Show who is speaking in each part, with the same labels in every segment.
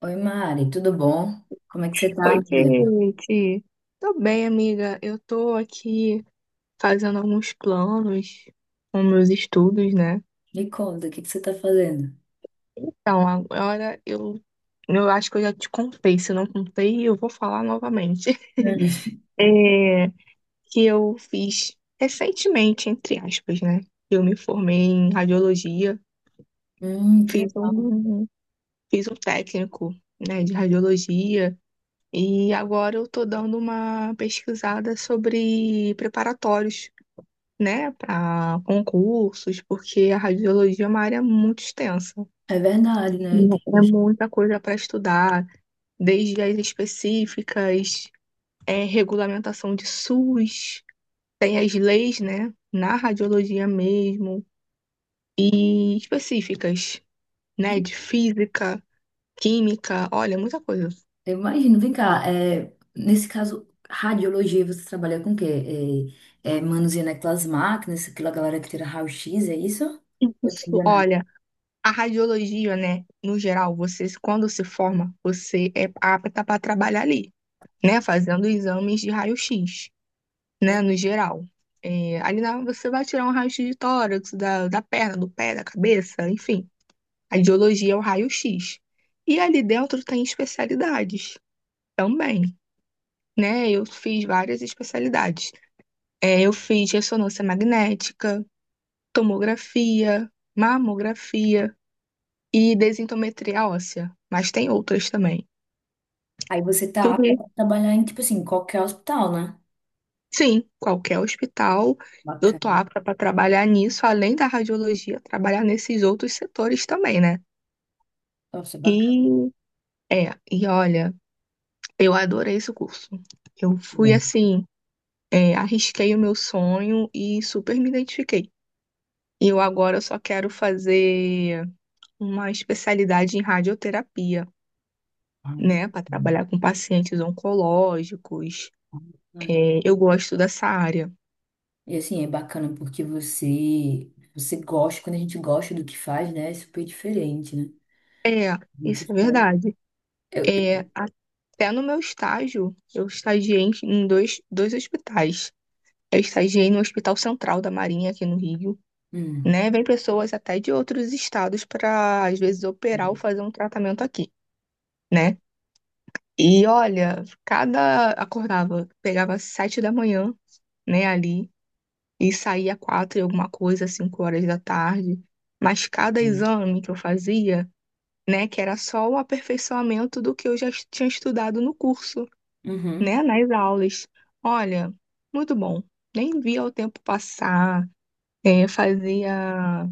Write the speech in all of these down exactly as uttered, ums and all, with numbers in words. Speaker 1: Oi, Mari, tudo bom? Como é que você tá,
Speaker 2: Oi,
Speaker 1: amiga?
Speaker 2: Kate. Tô bem, amiga. Eu tô aqui fazendo alguns planos com meus estudos, né?
Speaker 1: Me conta, o que que você tá fazendo?
Speaker 2: Então, agora eu, eu acho que eu já te contei. Se eu não contei, eu vou falar novamente. É, que eu fiz recentemente, entre aspas, né? Eu me formei em radiologia,
Speaker 1: Hum, hum, que
Speaker 2: fiz
Speaker 1: legal.
Speaker 2: um, fiz um técnico, né, de radiologia, e agora eu tô dando uma pesquisada sobre preparatórios, né, para concursos, porque a radiologia é uma área muito extensa.
Speaker 1: É verdade, né?
Speaker 2: É muita coisa para estudar, desde as específicas, é, regulamentação de SUS, tem as leis, né, na radiologia mesmo, e específicas, né, de física, química, olha, muita coisa.
Speaker 1: Eu imagino. Vem cá, é, nesse caso, radiologia, você trabalha com o quê? É, é, manuseando aquelas máquinas, aquela galera que tira raio-x, é isso? Eu tô
Speaker 2: Isso,
Speaker 1: enganando.
Speaker 2: olha, a radiologia, né, no geral, você, quando se forma, você é apta para trabalhar ali, né, fazendo exames de raio-x,
Speaker 1: Hum.
Speaker 2: né, no geral. É, ali na, você vai tirar um raio-x de tórax, da, da perna, do pé, da cabeça, enfim. A ideologia é o raio-x. E ali dentro tem especialidades também, né? Eu fiz várias especialidades. É, eu fiz ressonância magnética, tomografia, mamografia e densitometria óssea, mas tem outras também.
Speaker 1: Aí você tá
Speaker 2: Tudo
Speaker 1: apta pra trabalhar em, tipo assim, qualquer hospital, né?
Speaker 2: Sim, qualquer hospital, eu tô
Speaker 1: Bacana.
Speaker 2: apta para trabalhar nisso, além da radiologia, trabalhar nesses outros setores também, né?
Speaker 1: Nossa,
Speaker 2: E
Speaker 1: bacana.
Speaker 2: é, e olha, eu adorei esse curso. Eu fui
Speaker 1: Bom.
Speaker 2: assim, é, arrisquei o meu sonho e super me identifiquei. E eu agora só quero fazer uma especialidade em radioterapia,
Speaker 1: Ai, que...
Speaker 2: né, para trabalhar com pacientes oncológicos. É, eu gosto dessa área.
Speaker 1: E assim, é bacana porque você você gosta, quando a gente gosta do que faz, né? É super diferente, né?
Speaker 2: É,
Speaker 1: A gente
Speaker 2: isso é
Speaker 1: faz.
Speaker 2: verdade.
Speaker 1: Eu,
Speaker 2: É,
Speaker 1: eu-
Speaker 2: até no meu estágio, eu estagiei em em dois, dois hospitais. Eu estagiei no Hospital Central da Marinha, aqui no Rio,
Speaker 1: hum,
Speaker 2: né? Vem pessoas até de outros estados para, às vezes, operar ou
Speaker 1: hum,
Speaker 2: fazer um tratamento aqui, né? E olha, cada acordava, pegava sete da manhã, né, ali, e saía quatro e alguma coisa, cinco horas da tarde. Mas cada
Speaker 1: hum.
Speaker 2: exame que eu fazia, né, que era só o aperfeiçoamento do que eu já tinha estudado no curso,
Speaker 1: Uhum.
Speaker 2: né, nas aulas. Olha, muito bom. Nem via o tempo passar, é, fazia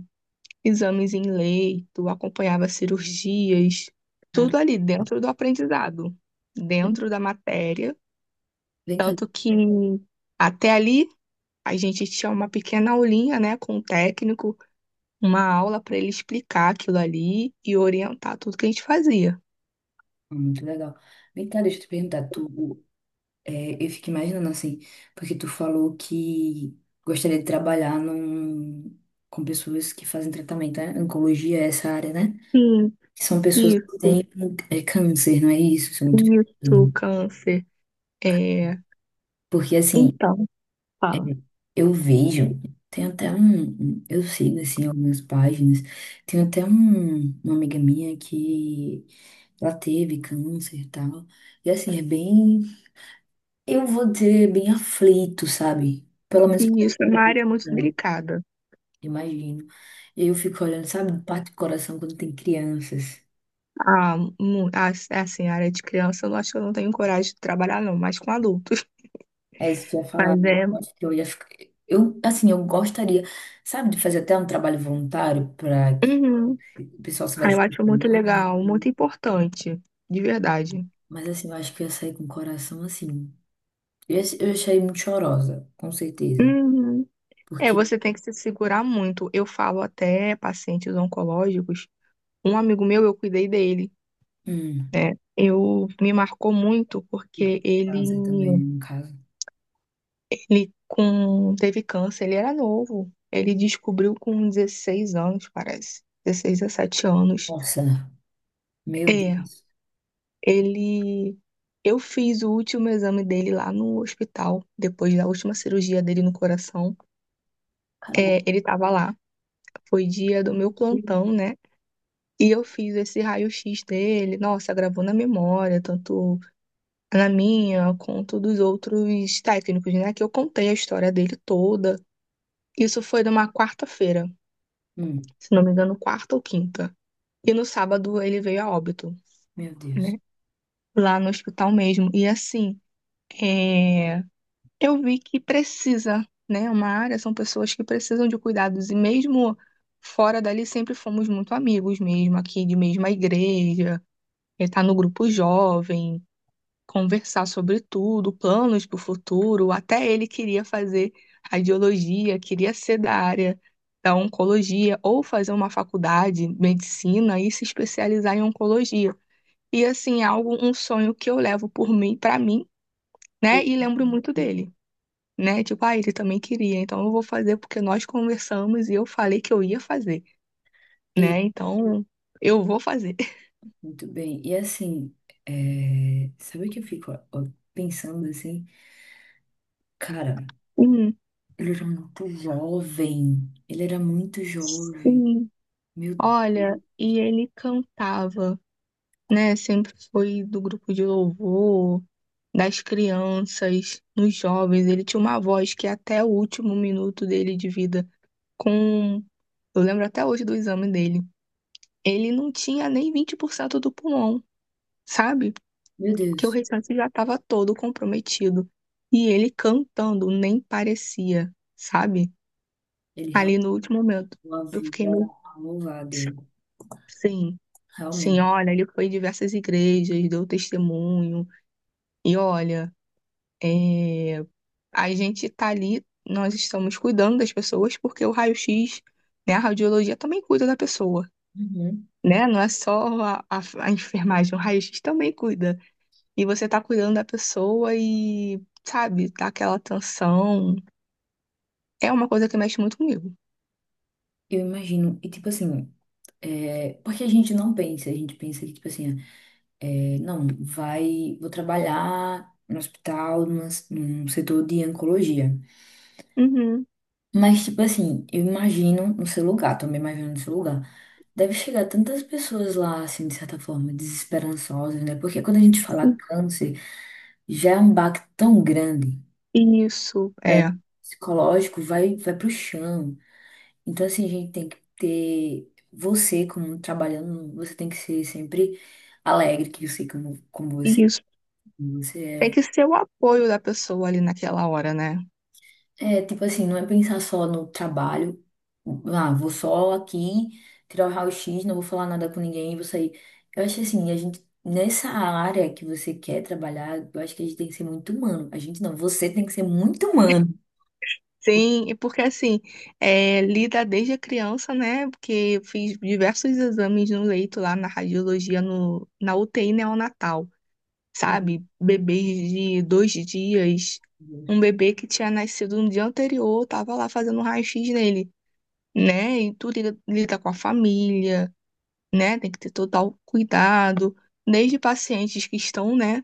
Speaker 2: exames em leito, acompanhava cirurgias, tudo
Speaker 1: Claro.
Speaker 2: ali dentro do aprendizado, dentro da matéria.
Speaker 1: Vem cá,
Speaker 2: Tanto que até ali a gente tinha uma pequena aulinha, né, com o técnico, uma aula para ele explicar aquilo ali e orientar tudo que a gente fazia.
Speaker 1: muito legal. Vem cá, deixa eu te perguntar, tu, é, eu fico imaginando assim, porque tu falou que gostaria de trabalhar num, com pessoas que fazem tratamento, né? Oncologia é essa área, né?
Speaker 2: Sim,
Speaker 1: Que são pessoas que
Speaker 2: isso,
Speaker 1: têm é, câncer, não é isso? São- muito-
Speaker 2: isso, câncer. É,
Speaker 1: Porque assim,
Speaker 2: então, fala.
Speaker 1: eu vejo, tem até um, um- eu sigo assim algumas páginas, tem até um, uma amiga minha que ela teve câncer e tal, e assim, é bem, eu vou dizer, bem aflito, sabe? Pelo menos
Speaker 2: E
Speaker 1: pra mim,
Speaker 2: isso é uma área muito
Speaker 1: eu
Speaker 2: delicada.
Speaker 1: imagino. Eu fico olhando, sabe, parte do coração quando tem crianças.
Speaker 2: A, mu- a- assim, a área de criança, eu não acho que eu não tenho coragem de trabalhar, não, mas com adultos.
Speaker 1: É isso que eu ia falar,
Speaker 2: Mas
Speaker 1: eu
Speaker 2: é.
Speaker 1: acho que eu ia ficar, eu, assim, eu gostaria, sabe, de fazer até um trabalho voluntário para que
Speaker 2: Uhum.
Speaker 1: o pessoal se
Speaker 2: Ah, eu
Speaker 1: veste.
Speaker 2: acho muito legal, muito importante, de verdade.
Speaker 1: Mas assim, eu acho que eu saí com o coração assim. Eu eu ia muito chorosa, com certeza.
Speaker 2: Uhum. É,
Speaker 1: Porque,
Speaker 2: você tem que se segurar muito. Eu falo até pacientes oncológicos. Um amigo meu, eu cuidei dele,
Speaker 1: hum,
Speaker 2: né? Eu me marcou muito
Speaker 1: e
Speaker 2: porque
Speaker 1: com
Speaker 2: ele
Speaker 1: câncer também, no caso.
Speaker 2: Ele com, teve câncer, ele era novo. Ele descobriu com dezesseis anos, parece. Dezesseis, dezessete anos.
Speaker 1: Nossa, meu
Speaker 2: É,
Speaker 1: Deus.
Speaker 2: Ele. Eu fiz o último exame dele lá no hospital, depois da última cirurgia dele no coração.
Speaker 1: Cala a boca.
Speaker 2: É, ele estava lá, foi dia do meu plantão, né? E eu fiz esse raio-x dele. Nossa, gravou na memória, tanto na minha quanto dos outros técnicos, né? Que eu contei a história dele toda. Isso foi numa quarta-feira,
Speaker 1: Hum,
Speaker 2: se não me engano, quarta ou quinta. E no sábado ele veio a óbito,
Speaker 1: meu Deus.
Speaker 2: né? Lá no hospital mesmo. E assim, é, eu vi que precisa, né? É uma área, são pessoas que precisam de cuidados. E mesmo fora dali, sempre fomos muito amigos mesmo, aqui de mesma igreja, é, tá no grupo jovem conversar sobre tudo, planos para o futuro. Até ele queria fazer radiologia, queria ser da área da oncologia ou fazer uma faculdade, medicina e se especializar em oncologia. E assim, é algo, um sonho que eu levo por mim, para mim, né? E lembro muito dele, né? Tipo, ah, ele também queria, então eu vou fazer porque nós conversamos e eu falei que eu ia fazer,
Speaker 1: E
Speaker 2: né? Então, eu vou fazer.
Speaker 1: muito bem. E assim, é, sabe o que eu fico ó, ó, pensando assim? Cara,
Speaker 2: Hum,
Speaker 1: ele era muito jovem. Ele era muito jovem.
Speaker 2: sim.
Speaker 1: Meu,
Speaker 2: Olha, e ele cantava, né? Sempre foi do grupo de louvor, das crianças, nos jovens. Ele tinha uma voz que até o último minuto dele de vida, com, eu lembro até hoje do exame dele, ele não tinha nem vinte por cento do pulmão, sabe?
Speaker 1: meu
Speaker 2: Porque o
Speaker 1: Deus.
Speaker 2: restante já estava todo comprometido. E ele cantando nem parecia, sabe?
Speaker 1: Ele
Speaker 2: Ali
Speaker 1: realmente
Speaker 2: no último momento,
Speaker 1: deu a
Speaker 2: eu fiquei meio.
Speaker 1: vida a Deus.
Speaker 2: Sim, sim,
Speaker 1: Realmente.
Speaker 2: olha, ele foi em diversas igrejas, deu testemunho, e olha, é, a gente tá ali, nós estamos cuidando das pessoas porque o raio-x, né, a radiologia também cuida da pessoa,
Speaker 1: Uhum.
Speaker 2: né? Não é só a, a, a enfermagem, o raio-x também cuida. E você tá cuidando da pessoa e, sabe, tá aquela atenção. É uma coisa que mexe muito comigo.
Speaker 1: Eu imagino, e tipo assim, é, porque a gente não pensa, a gente pensa que, tipo assim, é, não, vai, vou trabalhar no hospital, numa- num setor de oncologia.
Speaker 2: Uhum,
Speaker 1: Mas, tipo assim, eu imagino no seu lugar, também imagino no seu lugar. Deve chegar tantas pessoas lá, assim, de certa forma, desesperançosas, né? Porque quando a gente fala
Speaker 2: sim.
Speaker 1: câncer, já é um baque tão grande,
Speaker 2: Isso,
Speaker 1: né?
Speaker 2: é,
Speaker 1: Psicológico vai, vai pro chão. Então, assim, a gente tem que ter você como trabalhando, você tem que ser sempre alegre, que eu sei como, como você, é,
Speaker 2: isso.
Speaker 1: como
Speaker 2: Tem
Speaker 1: você
Speaker 2: que ser o apoio da pessoa ali naquela hora, né?
Speaker 1: é. É, tipo assim, não é pensar só no trabalho. Ah, vou só aqui tirar o raio-x, não vou falar nada com ninguém, vou sair. Eu acho assim, a gente, nessa área que você quer trabalhar, eu acho que a gente tem que ser muito humano. A gente não, você tem que ser muito humano.
Speaker 2: Sim, e porque assim, é, lida desde a criança, né? Porque eu fiz diversos exames no leito lá na radiologia, no, na U T I neonatal,
Speaker 1: Uhum,
Speaker 2: sabe? Bebês de dois dias,
Speaker 1: uhum.
Speaker 2: um bebê que tinha nascido no dia anterior, tava lá fazendo um raio-x nele, né? E tu lida, lida com a família, né? Tem que ter total cuidado, desde pacientes que estão, né,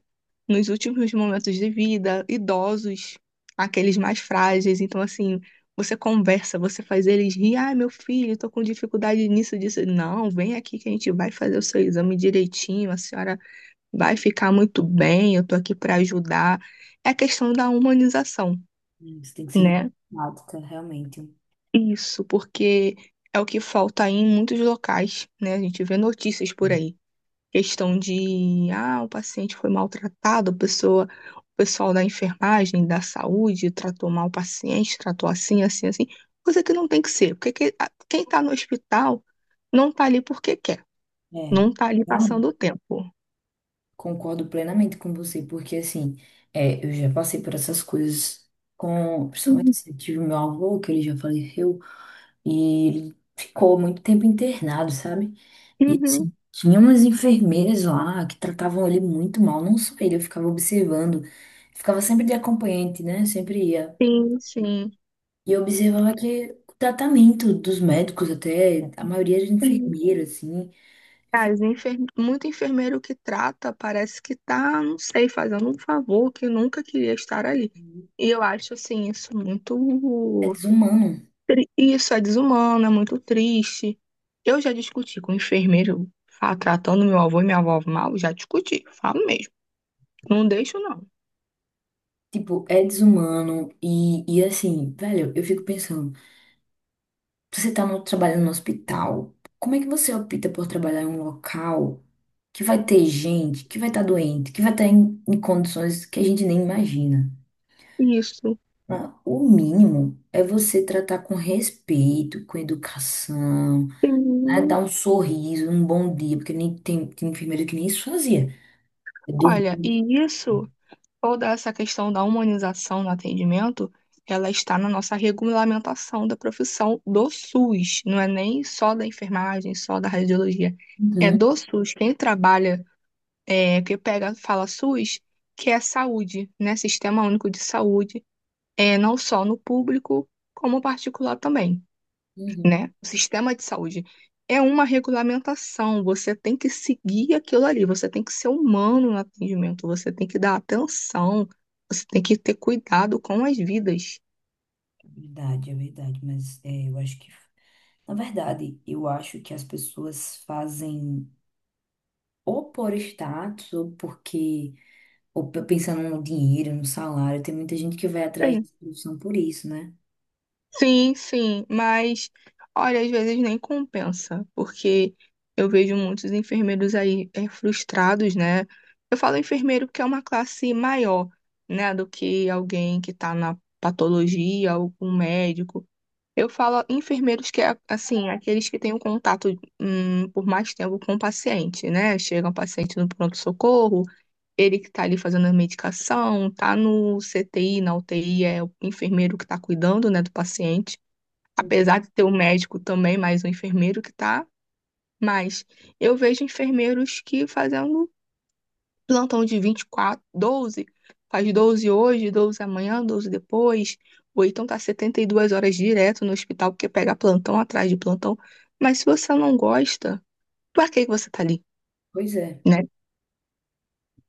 Speaker 2: nos últimos momentos de vida, idosos, aqueles mais frágeis. Então, assim, você conversa, você faz eles rir. Ah, meu filho, tô com dificuldade nisso, disso. Não, vem aqui que a gente vai fazer o seu exame direitinho, a senhora vai ficar muito bem, eu tô aqui para ajudar. É a questão da humanização,
Speaker 1: Você tem que ser muito
Speaker 2: né?
Speaker 1: prática, realmente.
Speaker 2: Isso, porque é o que falta aí em muitos locais, né? A gente vê notícias por aí questão de, ah, o paciente foi maltratado, a pessoa, o pessoal da enfermagem, da saúde, tratou mal o paciente, tratou assim, assim, assim, coisa que não tem que ser, porque que- a- quem está no hospital não está ali porque quer,
Speaker 1: É,
Speaker 2: não está ali
Speaker 1: realmente.
Speaker 2: passando o tempo.
Speaker 1: Concordo plenamente com você, porque assim, é, eu já passei por essas coisas com, principalmente
Speaker 2: Uhum.
Speaker 1: assim, eu tive meu avô, que ele já faleceu, e ele ficou muito tempo internado, sabe? E
Speaker 2: Uhum.
Speaker 1: assim, tinha umas enfermeiras lá que tratavam ele muito mal, não só ele, eu ficava observando, ficava sempre de acompanhante, né? Sempre ia.
Speaker 2: Sim, sim.
Speaker 1: E eu observava que o tratamento dos médicos, até a maioria era
Speaker 2: Sim.
Speaker 1: enfermeira, assim, eu falei,
Speaker 2: As enfer... Muito enfermeiro que trata parece que tá, não sei, fazendo um favor que nunca queria estar ali. E eu acho, assim, isso
Speaker 1: é
Speaker 2: muito
Speaker 1: desumano.
Speaker 2: tri- Isso é desumano, é muito triste. Eu já discuti com o enfermeiro fa- tratando meu avô e minha avó mal, já discuti, falo mesmo. Não deixo, não.
Speaker 1: Tipo, é desumano e, e assim, velho, eu fico pensando, você tá no, trabalhando no hospital, como é que você opta por trabalhar em um local que vai ter gente, que vai estar doente, que vai estar em, em condições que a gente nem imagina?
Speaker 2: Isso.
Speaker 1: Ah, o mínimo é você tratar com respeito, com educação, né? Dar
Speaker 2: Sim.
Speaker 1: um sorriso, um bom dia, porque nem tem, tem enfermeiro que nem isso fazia. Eu dou-
Speaker 2: Olha, e isso, toda essa questão da humanização no atendimento, ela está na nossa regulamentação da profissão do SUS, não é nem só da enfermagem, só da radiologia. É
Speaker 1: uhum,
Speaker 2: do SUS. Quem trabalha, é, que pega, fala SUS, que é saúde, né? Sistema Único de Saúde é, não só no público, como particular também,
Speaker 1: uhum.
Speaker 2: né? O sistema de saúde é uma regulamentação, você tem que seguir aquilo ali, você tem que ser humano no atendimento, você tem que dar atenção, você tem que ter cuidado com as vidas.
Speaker 1: É verdade, é verdade, mas é, eu acho que, na verdade, eu acho que as pessoas fazem ou por status, ou porque, ou pe- pensando no dinheiro, no salário, tem muita gente que vai atrás
Speaker 2: É,
Speaker 1: de solução por isso, né?
Speaker 2: Sim, sim, mas olha, às vezes nem compensa, porque eu vejo muitos enfermeiros aí é, frustrados, né? Eu falo enfermeiro porque é uma classe maior, né, do que alguém que tá na patologia ou com um médico. Eu falo enfermeiros que é, assim, aqueles que têm um contato hum, por mais tempo com o paciente, né? Chega um paciente no pronto-socorro, ele que tá ali fazendo a medicação, tá no C T I, na U T I, é o enfermeiro que tá cuidando, né, do paciente apesar de ter um médico também, mais um enfermeiro que tá, mas eu vejo enfermeiros que fazendo plantão de vinte e quatro doze faz doze hoje, doze amanhã, doze depois, ou então tá setenta e duas horas direto no hospital, porque pega plantão atrás de plantão. Mas se você não gosta, pra que que você tá ali,
Speaker 1: Pois é,
Speaker 2: né?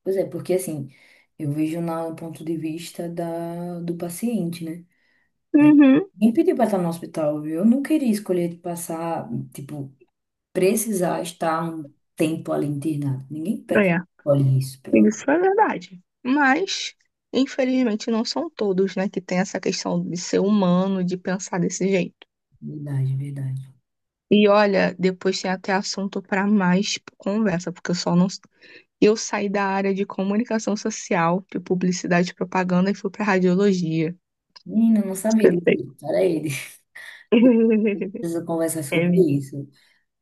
Speaker 1: pois é, porque assim, eu vejo na- no ponto de vista da, do paciente, né?
Speaker 2: Uhum,
Speaker 1: Quem pediu pra estar no hospital, viu? Eu não queria escolher de passar, tipo, precisar estar um tempo ali internado. Ninguém pede.
Speaker 2: é,
Speaker 1: Olha isso, pelo amor
Speaker 2: isso é verdade. Mas, infelizmente, não são todos, né, que tem essa questão de ser humano, de pensar desse jeito.
Speaker 1: de Deus, verdade, verdade.
Speaker 2: E olha, depois tem até assunto para mais conversa, porque eu só não. Eu saí da área de comunicação social, de publicidade e propaganda, e fui para radiologia.
Speaker 1: Menina, eu não sabia
Speaker 2: Eu sei.
Speaker 1: disso, era ele. Preciso conversar
Speaker 2: É,
Speaker 1: sobre
Speaker 2: amiga,
Speaker 1: isso.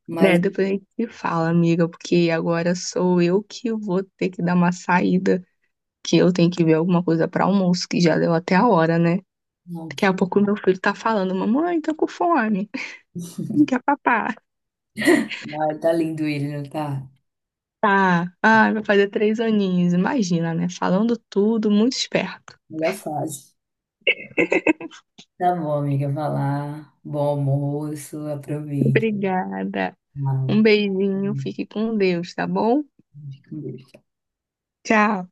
Speaker 1: Mas
Speaker 2: né, depois a gente se fala, amiga, porque agora sou eu que vou ter que dar uma saída, que eu tenho que ver alguma coisa para almoço, que já deu até a hora, né? Daqui
Speaker 1: pronto.
Speaker 2: a pouco meu filho tá falando, mamãe, tô com fome, quer papá.
Speaker 1: Ai, tá lindo ele, não tá?
Speaker 2: Tá, ah, vai fazer três aninhos, imagina, né? Falando tudo, muito esperto.
Speaker 1: Melhor fase. Tá bom, amiga. Vai lá. Bom almoço. Aproveite.
Speaker 2: Obrigada.
Speaker 1: Tchau.
Speaker 2: Um beijinho, fique com Deus, tá bom?
Speaker 1: Fica com Deus.
Speaker 2: Tchau.